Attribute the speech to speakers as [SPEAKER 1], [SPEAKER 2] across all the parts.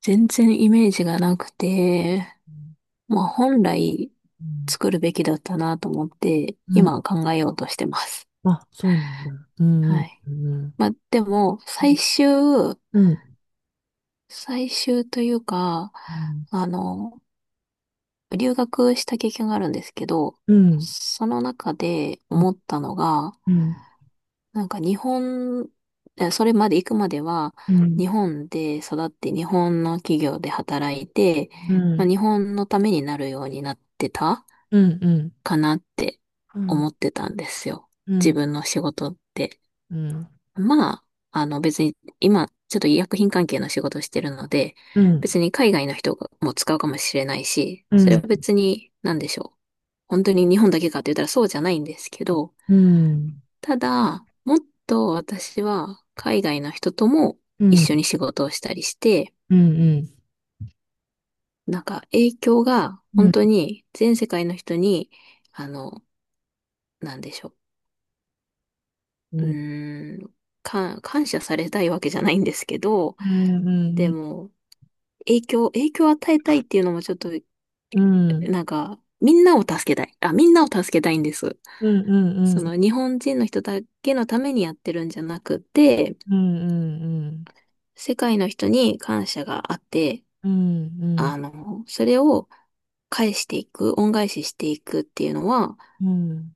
[SPEAKER 1] 全然イメージがなくて、まあ本来作るべきだったなと思って、今考えようとしてます。はい。まあでも、最終、最終というか、あの、留学した経験があるんですけど、その中で思ったのが、なんか日本、それまで行くまでは、日本で育って日本の企業で働いて、まあ、日本のためになるようになってた。かなって思ってたんですよ。自分の仕事って。まあ、別に今ちょっと医薬品関係の仕事をしてるので、別に海外の人がもう使うかもしれないし、それは別に何でしょう。本当に日本だけかって言ったらそうじゃないんですけど、ただ、もっと私は海外の人とも一緒に仕事をしたりして、なんか影響が本当に全世界の人に、あの、なんでしょう。
[SPEAKER 2] う
[SPEAKER 1] う
[SPEAKER 2] ん、
[SPEAKER 1] ーん、感謝されたいわけじゃないんですけど、
[SPEAKER 2] うん、
[SPEAKER 1] で
[SPEAKER 2] うん、
[SPEAKER 1] も、影響を与えたいっていうのもちょっと、
[SPEAKER 2] うん、
[SPEAKER 1] なんか、みんなを助けたい。あ、みんなを助けたいんです。
[SPEAKER 2] うん、うん、うん、うん、
[SPEAKER 1] 日本人の人だけのためにやってるんじゃなくて、
[SPEAKER 2] うん、
[SPEAKER 1] 世界の人に感謝があって、
[SPEAKER 2] うん、うん、
[SPEAKER 1] それを返していく、恩返ししていくっていうのは、
[SPEAKER 2] うん。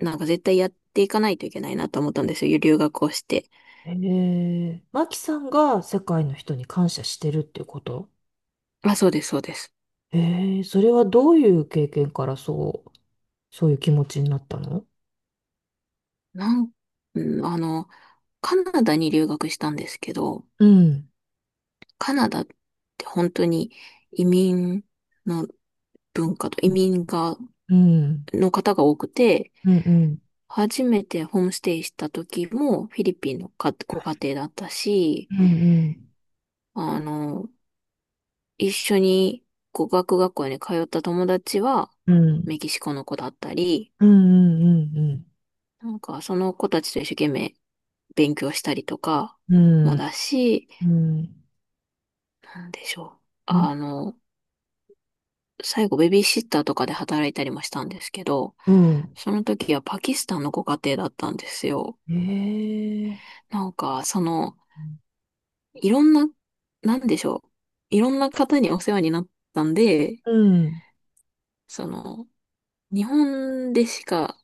[SPEAKER 1] なんか絶対やっていかないといけないなと思ったんですよ。留学をして。
[SPEAKER 2] ええ、マキさんが世界の人に感謝してるっていうこと？
[SPEAKER 1] あ、そうです、そうです。
[SPEAKER 2] ええ、それはどういう経験からそう、そういう気持ちになったの？
[SPEAKER 1] なん、うん、カナダに留学したんですけど、
[SPEAKER 2] うん、
[SPEAKER 1] カナダって本当に移民の文化と移民が、
[SPEAKER 2] うん、
[SPEAKER 1] の方が多くて、
[SPEAKER 2] うん、うん、うん、
[SPEAKER 1] 初めてホームステイした時もフィリピンのかご家庭だったし、
[SPEAKER 2] うん、
[SPEAKER 1] あの、一緒に語学学校に通った友達は
[SPEAKER 2] うん、うん、
[SPEAKER 1] メキシコの子だったり、
[SPEAKER 2] うん、うん、
[SPEAKER 1] なんかその子たちと一生懸命勉強したりとか
[SPEAKER 2] う
[SPEAKER 1] も
[SPEAKER 2] ん、
[SPEAKER 1] だし、なんでしょう。
[SPEAKER 2] うん、
[SPEAKER 1] あの、最後ベビーシッターとかで働いたりもしたんですけど、
[SPEAKER 2] うん、
[SPEAKER 1] その時はパキスタンのご家庭だったんですよ。
[SPEAKER 2] ええ、
[SPEAKER 1] なんか、いろんな、なんでしょう。いろんな方にお世話になったんで、
[SPEAKER 2] うん、
[SPEAKER 1] その、日本でしか、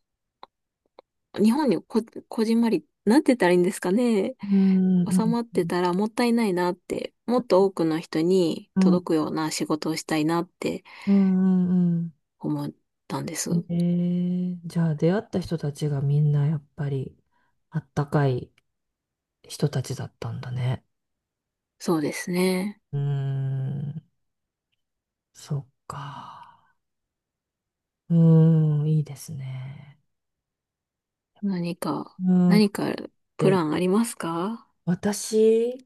[SPEAKER 1] 日本にこ、こじんまり、なんて言ったらいいんですかね。
[SPEAKER 2] うん、う
[SPEAKER 1] 収まっ
[SPEAKER 2] ん、
[SPEAKER 1] てたらもったいないなって、もっと多くの人に
[SPEAKER 2] う
[SPEAKER 1] 届
[SPEAKER 2] ん、
[SPEAKER 1] くような仕事をしたいなって
[SPEAKER 2] うんうん
[SPEAKER 1] 思ったんで
[SPEAKER 2] う
[SPEAKER 1] す。
[SPEAKER 2] ん。じゃあ出会った人たちがみんなやっぱりあったかい人たちだったんだね。
[SPEAKER 1] そうですね。
[SPEAKER 2] うーん、そっか。うーん、いいですね。
[SPEAKER 1] 何か、
[SPEAKER 2] うーん。
[SPEAKER 1] 何かプ
[SPEAKER 2] で、
[SPEAKER 1] ランありますか？
[SPEAKER 2] 私、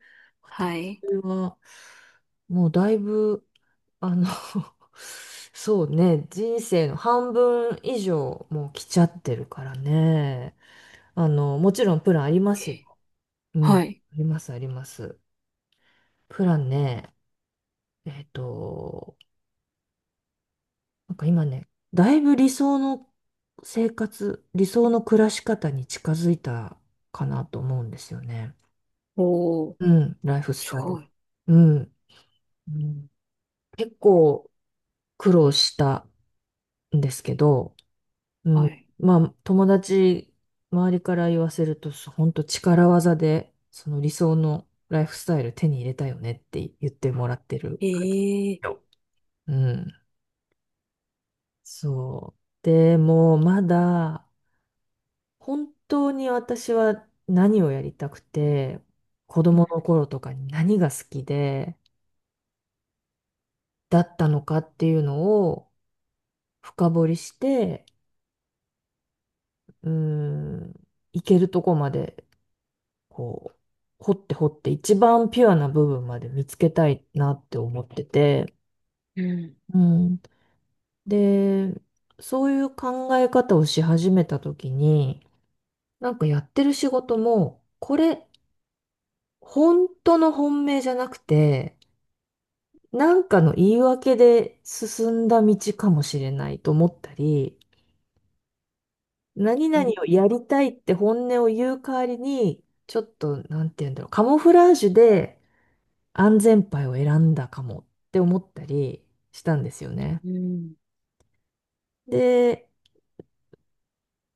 [SPEAKER 1] は
[SPEAKER 2] 私
[SPEAKER 1] い。
[SPEAKER 2] は、もうだいぶ、あの そうね、人生の半分以上もう来ちゃってるからね。もちろんプランありますよ。
[SPEAKER 1] え
[SPEAKER 2] うん、
[SPEAKER 1] はい。
[SPEAKER 2] あります、あります。プランね、えっと、なんか今ね、だいぶ理想の生活、理想の暮らし方に近づいたかなと思うんですよね。
[SPEAKER 1] おー、
[SPEAKER 2] うん、ライフス
[SPEAKER 1] す
[SPEAKER 2] タイル。
[SPEAKER 1] ごい。
[SPEAKER 2] うん。うん、結構苦労したんですけど、う
[SPEAKER 1] は
[SPEAKER 2] ん、
[SPEAKER 1] い。
[SPEAKER 2] まあ友達、周りから言わせると、本当力技で、その理想のライフスタイル手に入れたよねって言ってもらってる。
[SPEAKER 1] ええー。
[SPEAKER 2] うん。そう。でも、まだ、本当に私は何をやりたくて、子
[SPEAKER 1] う
[SPEAKER 2] 供
[SPEAKER 1] ん
[SPEAKER 2] の頃とかに何が好きで、だったのかっていうのを深掘りして、うーん、いけるとこまで、こう、掘って掘って、一番ピュアな部分まで見つけたいなって思ってて、
[SPEAKER 1] うん
[SPEAKER 2] うん。で、そういう考え方をし始めた時に、なんかやってる仕事も、これ、本当の本命じゃなくて、なんかの言い訳で進んだ道かもしれないと思ったり、何
[SPEAKER 1] うん
[SPEAKER 2] 々をやりたいって本音を言う代わりに、ちょっと、なんて言うんだろう、カモフラージュで安全牌を選んだかもって思ったりしたんですよね。
[SPEAKER 1] うん。
[SPEAKER 2] で、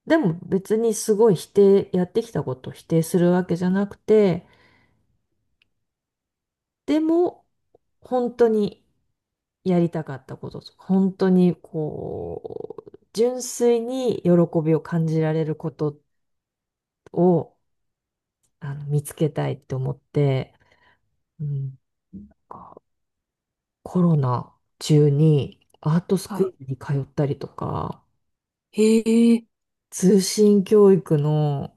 [SPEAKER 2] でも別にすごい否定、やってきたことを否定するわけじゃなくて、でも、本当にやりたかったこととか、本当にこう、純粋に喜びを感じられることを見つけたいって思って、うん、コロナ中にアートス
[SPEAKER 1] はい。
[SPEAKER 2] クールに通ったりとか、
[SPEAKER 1] ええ。
[SPEAKER 2] 通信教育の、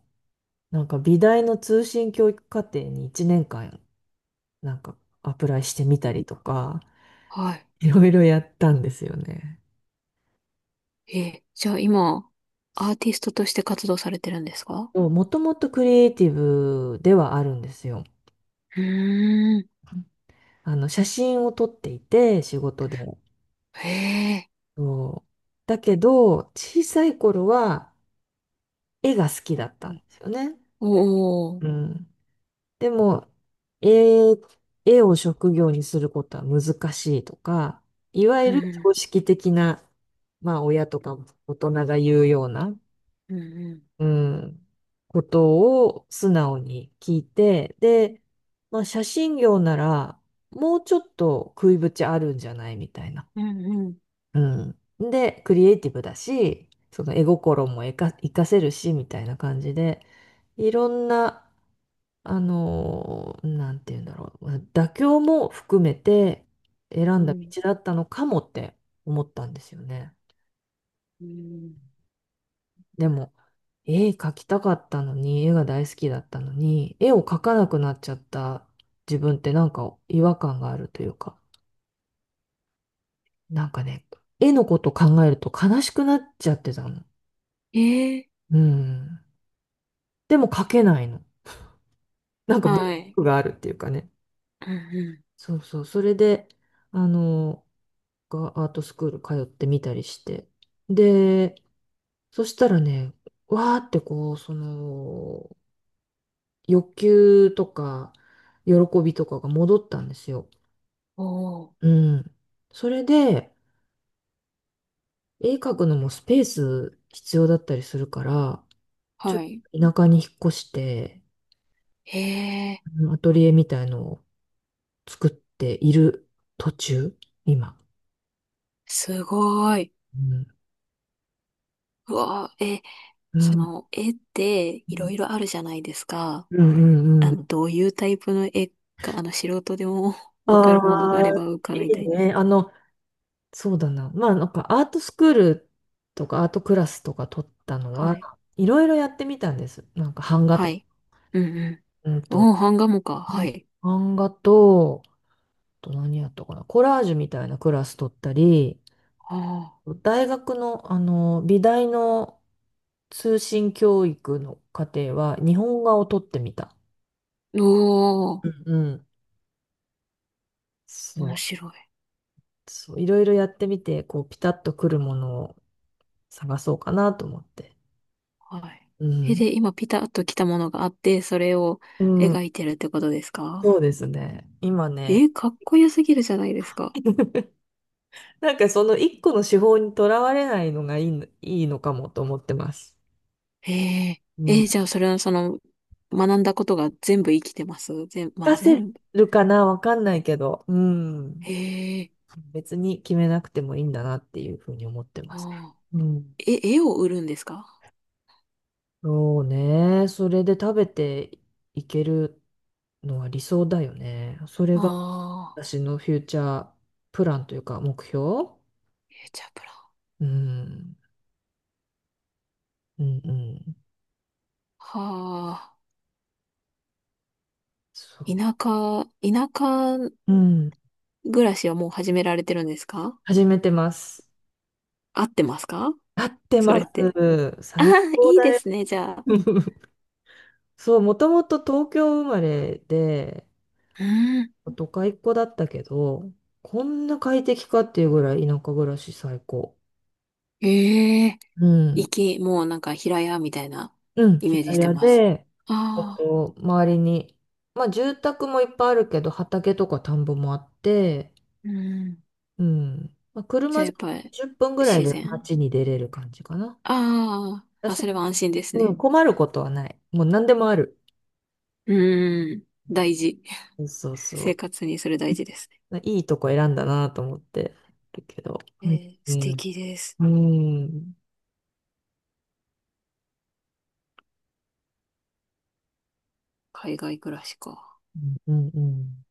[SPEAKER 2] なんか美大の通信教育課程に1年間、なんかアプライしてみたりとか、
[SPEAKER 1] はい。
[SPEAKER 2] いろいろやったんですよね。
[SPEAKER 1] じゃあ今、アーティストとして活動されてるんですか？
[SPEAKER 2] もともとクリエイティブではあるんですよ。
[SPEAKER 1] うーん。
[SPEAKER 2] 写真を撮っていて、仕事で。
[SPEAKER 1] へえ。
[SPEAKER 2] そう。だけど、小さい頃は絵が好きだった
[SPEAKER 1] う
[SPEAKER 2] ん
[SPEAKER 1] ん。
[SPEAKER 2] ですよね。
[SPEAKER 1] お
[SPEAKER 2] う
[SPEAKER 1] ー。
[SPEAKER 2] ん。でも、絵、絵を職業にすることは難しいとか、いわ
[SPEAKER 1] う
[SPEAKER 2] ゆる
[SPEAKER 1] ん。
[SPEAKER 2] 常識的な、まあ、親とか大人が言うような、
[SPEAKER 1] うん。
[SPEAKER 2] うん、ことを素直に聞いて、で、まあ、写真業なら、もうちょっと食いぶちあるんじゃないみたいな。
[SPEAKER 1] うん。
[SPEAKER 2] うん。で、クリエイティブだし、その絵心も活かせるし、みたいな感じで、いろんな、なんて言うんだろう、妥協も含めて選
[SPEAKER 1] う
[SPEAKER 2] んだ
[SPEAKER 1] ん。
[SPEAKER 2] 道だったのかもって思ったんですよね。
[SPEAKER 1] うん。
[SPEAKER 2] でも、絵描きたかったのに、絵が大好きだったのに、絵を描かなくなっちゃった自分ってなんか違和感があるというか、なんかね、絵のこと考えると悲しくなっちゃってたの。
[SPEAKER 1] ええ
[SPEAKER 2] うん。でも描けないの。なんか
[SPEAKER 1] ー。
[SPEAKER 2] ブロッ
[SPEAKER 1] はい。
[SPEAKER 2] クがあるっていうかね。
[SPEAKER 1] うんうん。
[SPEAKER 2] そうそう。それで、あの、がアートスクール通ってみたりして。で、そしたらね、わーってこう、その、欲求とか、喜びとかが戻ったんですよ。
[SPEAKER 1] おー。
[SPEAKER 2] うん。それで、絵描くのもスペース必要だったりするから、ちょっ
[SPEAKER 1] はい。
[SPEAKER 2] と田舎に引っ越して、
[SPEAKER 1] へえ。
[SPEAKER 2] うん、アトリエみたいのを作っている途中、今。
[SPEAKER 1] すごい。
[SPEAKER 2] うん。
[SPEAKER 1] うわー、
[SPEAKER 2] うん
[SPEAKER 1] 絵っていろいろあるじゃないですか。
[SPEAKER 2] うんうんうん。
[SPEAKER 1] どういうタイプの絵か、素人でも わか
[SPEAKER 2] あ
[SPEAKER 1] るものがあれ
[SPEAKER 2] あ、
[SPEAKER 1] ば
[SPEAKER 2] い
[SPEAKER 1] 伺いた
[SPEAKER 2] い
[SPEAKER 1] いです。
[SPEAKER 2] ね。そうだな。まあ、なんかアートスクールとかアートクラスとか取ったの
[SPEAKER 1] は
[SPEAKER 2] は、
[SPEAKER 1] い。
[SPEAKER 2] いろいろやってみたんです。なんか版画
[SPEAKER 1] は
[SPEAKER 2] とか、
[SPEAKER 1] い。うんうん。
[SPEAKER 2] うんと、
[SPEAKER 1] おー、版画もか。
[SPEAKER 2] う
[SPEAKER 1] は
[SPEAKER 2] ん、
[SPEAKER 1] い。
[SPEAKER 2] 版画と、あと何やったかな、コラージュみたいなクラス取ったり、
[SPEAKER 1] ああ。
[SPEAKER 2] 大学の、美大の通信教育の課程は日本画を取ってみた。
[SPEAKER 1] おー、
[SPEAKER 2] うんうん。そ
[SPEAKER 1] 面
[SPEAKER 2] う、
[SPEAKER 1] 白い。
[SPEAKER 2] そう、いろいろやってみて、こう、ピタッとくるものを探そうかなと思って。
[SPEAKER 1] はい。
[SPEAKER 2] うん。
[SPEAKER 1] え、
[SPEAKER 2] ね、
[SPEAKER 1] で、今ピタッと来たものがあって、それを
[SPEAKER 2] うん。
[SPEAKER 1] 描いてるってことですか？
[SPEAKER 2] そうですね。今ね、
[SPEAKER 1] え、かっこよすぎるじゃないですか。
[SPEAKER 2] なんかその一個の手法にとらわれないのがいいのかもと思ってます。
[SPEAKER 1] へえ。
[SPEAKER 2] うん。
[SPEAKER 1] じゃあそれは学んだことが全部生きてますまあ
[SPEAKER 2] 活かせ
[SPEAKER 1] 全部。
[SPEAKER 2] るかなわかんないけど、うん。
[SPEAKER 1] へえ。
[SPEAKER 2] 別に決めなくてもいいんだなっていうふうに思ってます。
[SPEAKER 1] ああ。
[SPEAKER 2] うん。
[SPEAKER 1] え、絵を売るんですか？
[SPEAKER 2] そうね。それで食べていけるのは理想だよね。それが
[SPEAKER 1] ああ
[SPEAKER 2] 私のフューチャープランというか目標。
[SPEAKER 1] ー。チャプラ。
[SPEAKER 2] うん。うんうん。
[SPEAKER 1] はあ。
[SPEAKER 2] そ
[SPEAKER 1] 田舎
[SPEAKER 2] う。うん。
[SPEAKER 1] 暮らしはもう始められてるんですか？
[SPEAKER 2] 始めてます。
[SPEAKER 1] 合ってますか？
[SPEAKER 2] 合って
[SPEAKER 1] そ
[SPEAKER 2] ま
[SPEAKER 1] れって。
[SPEAKER 2] す。
[SPEAKER 1] ああ、
[SPEAKER 2] 最高
[SPEAKER 1] いい
[SPEAKER 2] だ
[SPEAKER 1] で
[SPEAKER 2] よ。
[SPEAKER 1] すね、じゃあ。
[SPEAKER 2] そう、もともと東京生まれで、
[SPEAKER 1] うん。
[SPEAKER 2] 都会っ子だったけど、こんな快適かっていうぐらい田舎暮らし最高。
[SPEAKER 1] ええ。
[SPEAKER 2] うん。
[SPEAKER 1] もうなんか平屋みたいな
[SPEAKER 2] うん。
[SPEAKER 1] イメージ
[SPEAKER 2] 平
[SPEAKER 1] して
[SPEAKER 2] 屋
[SPEAKER 1] ます。
[SPEAKER 2] で、
[SPEAKER 1] ああ。
[SPEAKER 2] 周りに、まあ住宅もいっぱいあるけど、畑とか田んぼもあって、
[SPEAKER 1] うん。
[SPEAKER 2] うん。まあ、
[SPEAKER 1] じ
[SPEAKER 2] 車
[SPEAKER 1] ゃあ
[SPEAKER 2] で
[SPEAKER 1] やっぱり
[SPEAKER 2] 10分ぐらい
[SPEAKER 1] 自
[SPEAKER 2] で
[SPEAKER 1] 然。
[SPEAKER 2] 街に出れる感じかな。
[SPEAKER 1] あ
[SPEAKER 2] だ、
[SPEAKER 1] あ、あ、それは安心です
[SPEAKER 2] うん、
[SPEAKER 1] ね。
[SPEAKER 2] 困ることはない。もう何でもある。
[SPEAKER 1] うーん、大事。
[SPEAKER 2] そうそ
[SPEAKER 1] 生
[SPEAKER 2] う、
[SPEAKER 1] 活にそれ大事ですね。
[SPEAKER 2] いいとこ選んだなと思ってるけど。
[SPEAKER 1] え
[SPEAKER 2] うん、う
[SPEAKER 1] 素
[SPEAKER 2] ん、
[SPEAKER 1] 敵です。
[SPEAKER 2] うん、
[SPEAKER 1] 海外暮らしか。
[SPEAKER 2] うん、うん。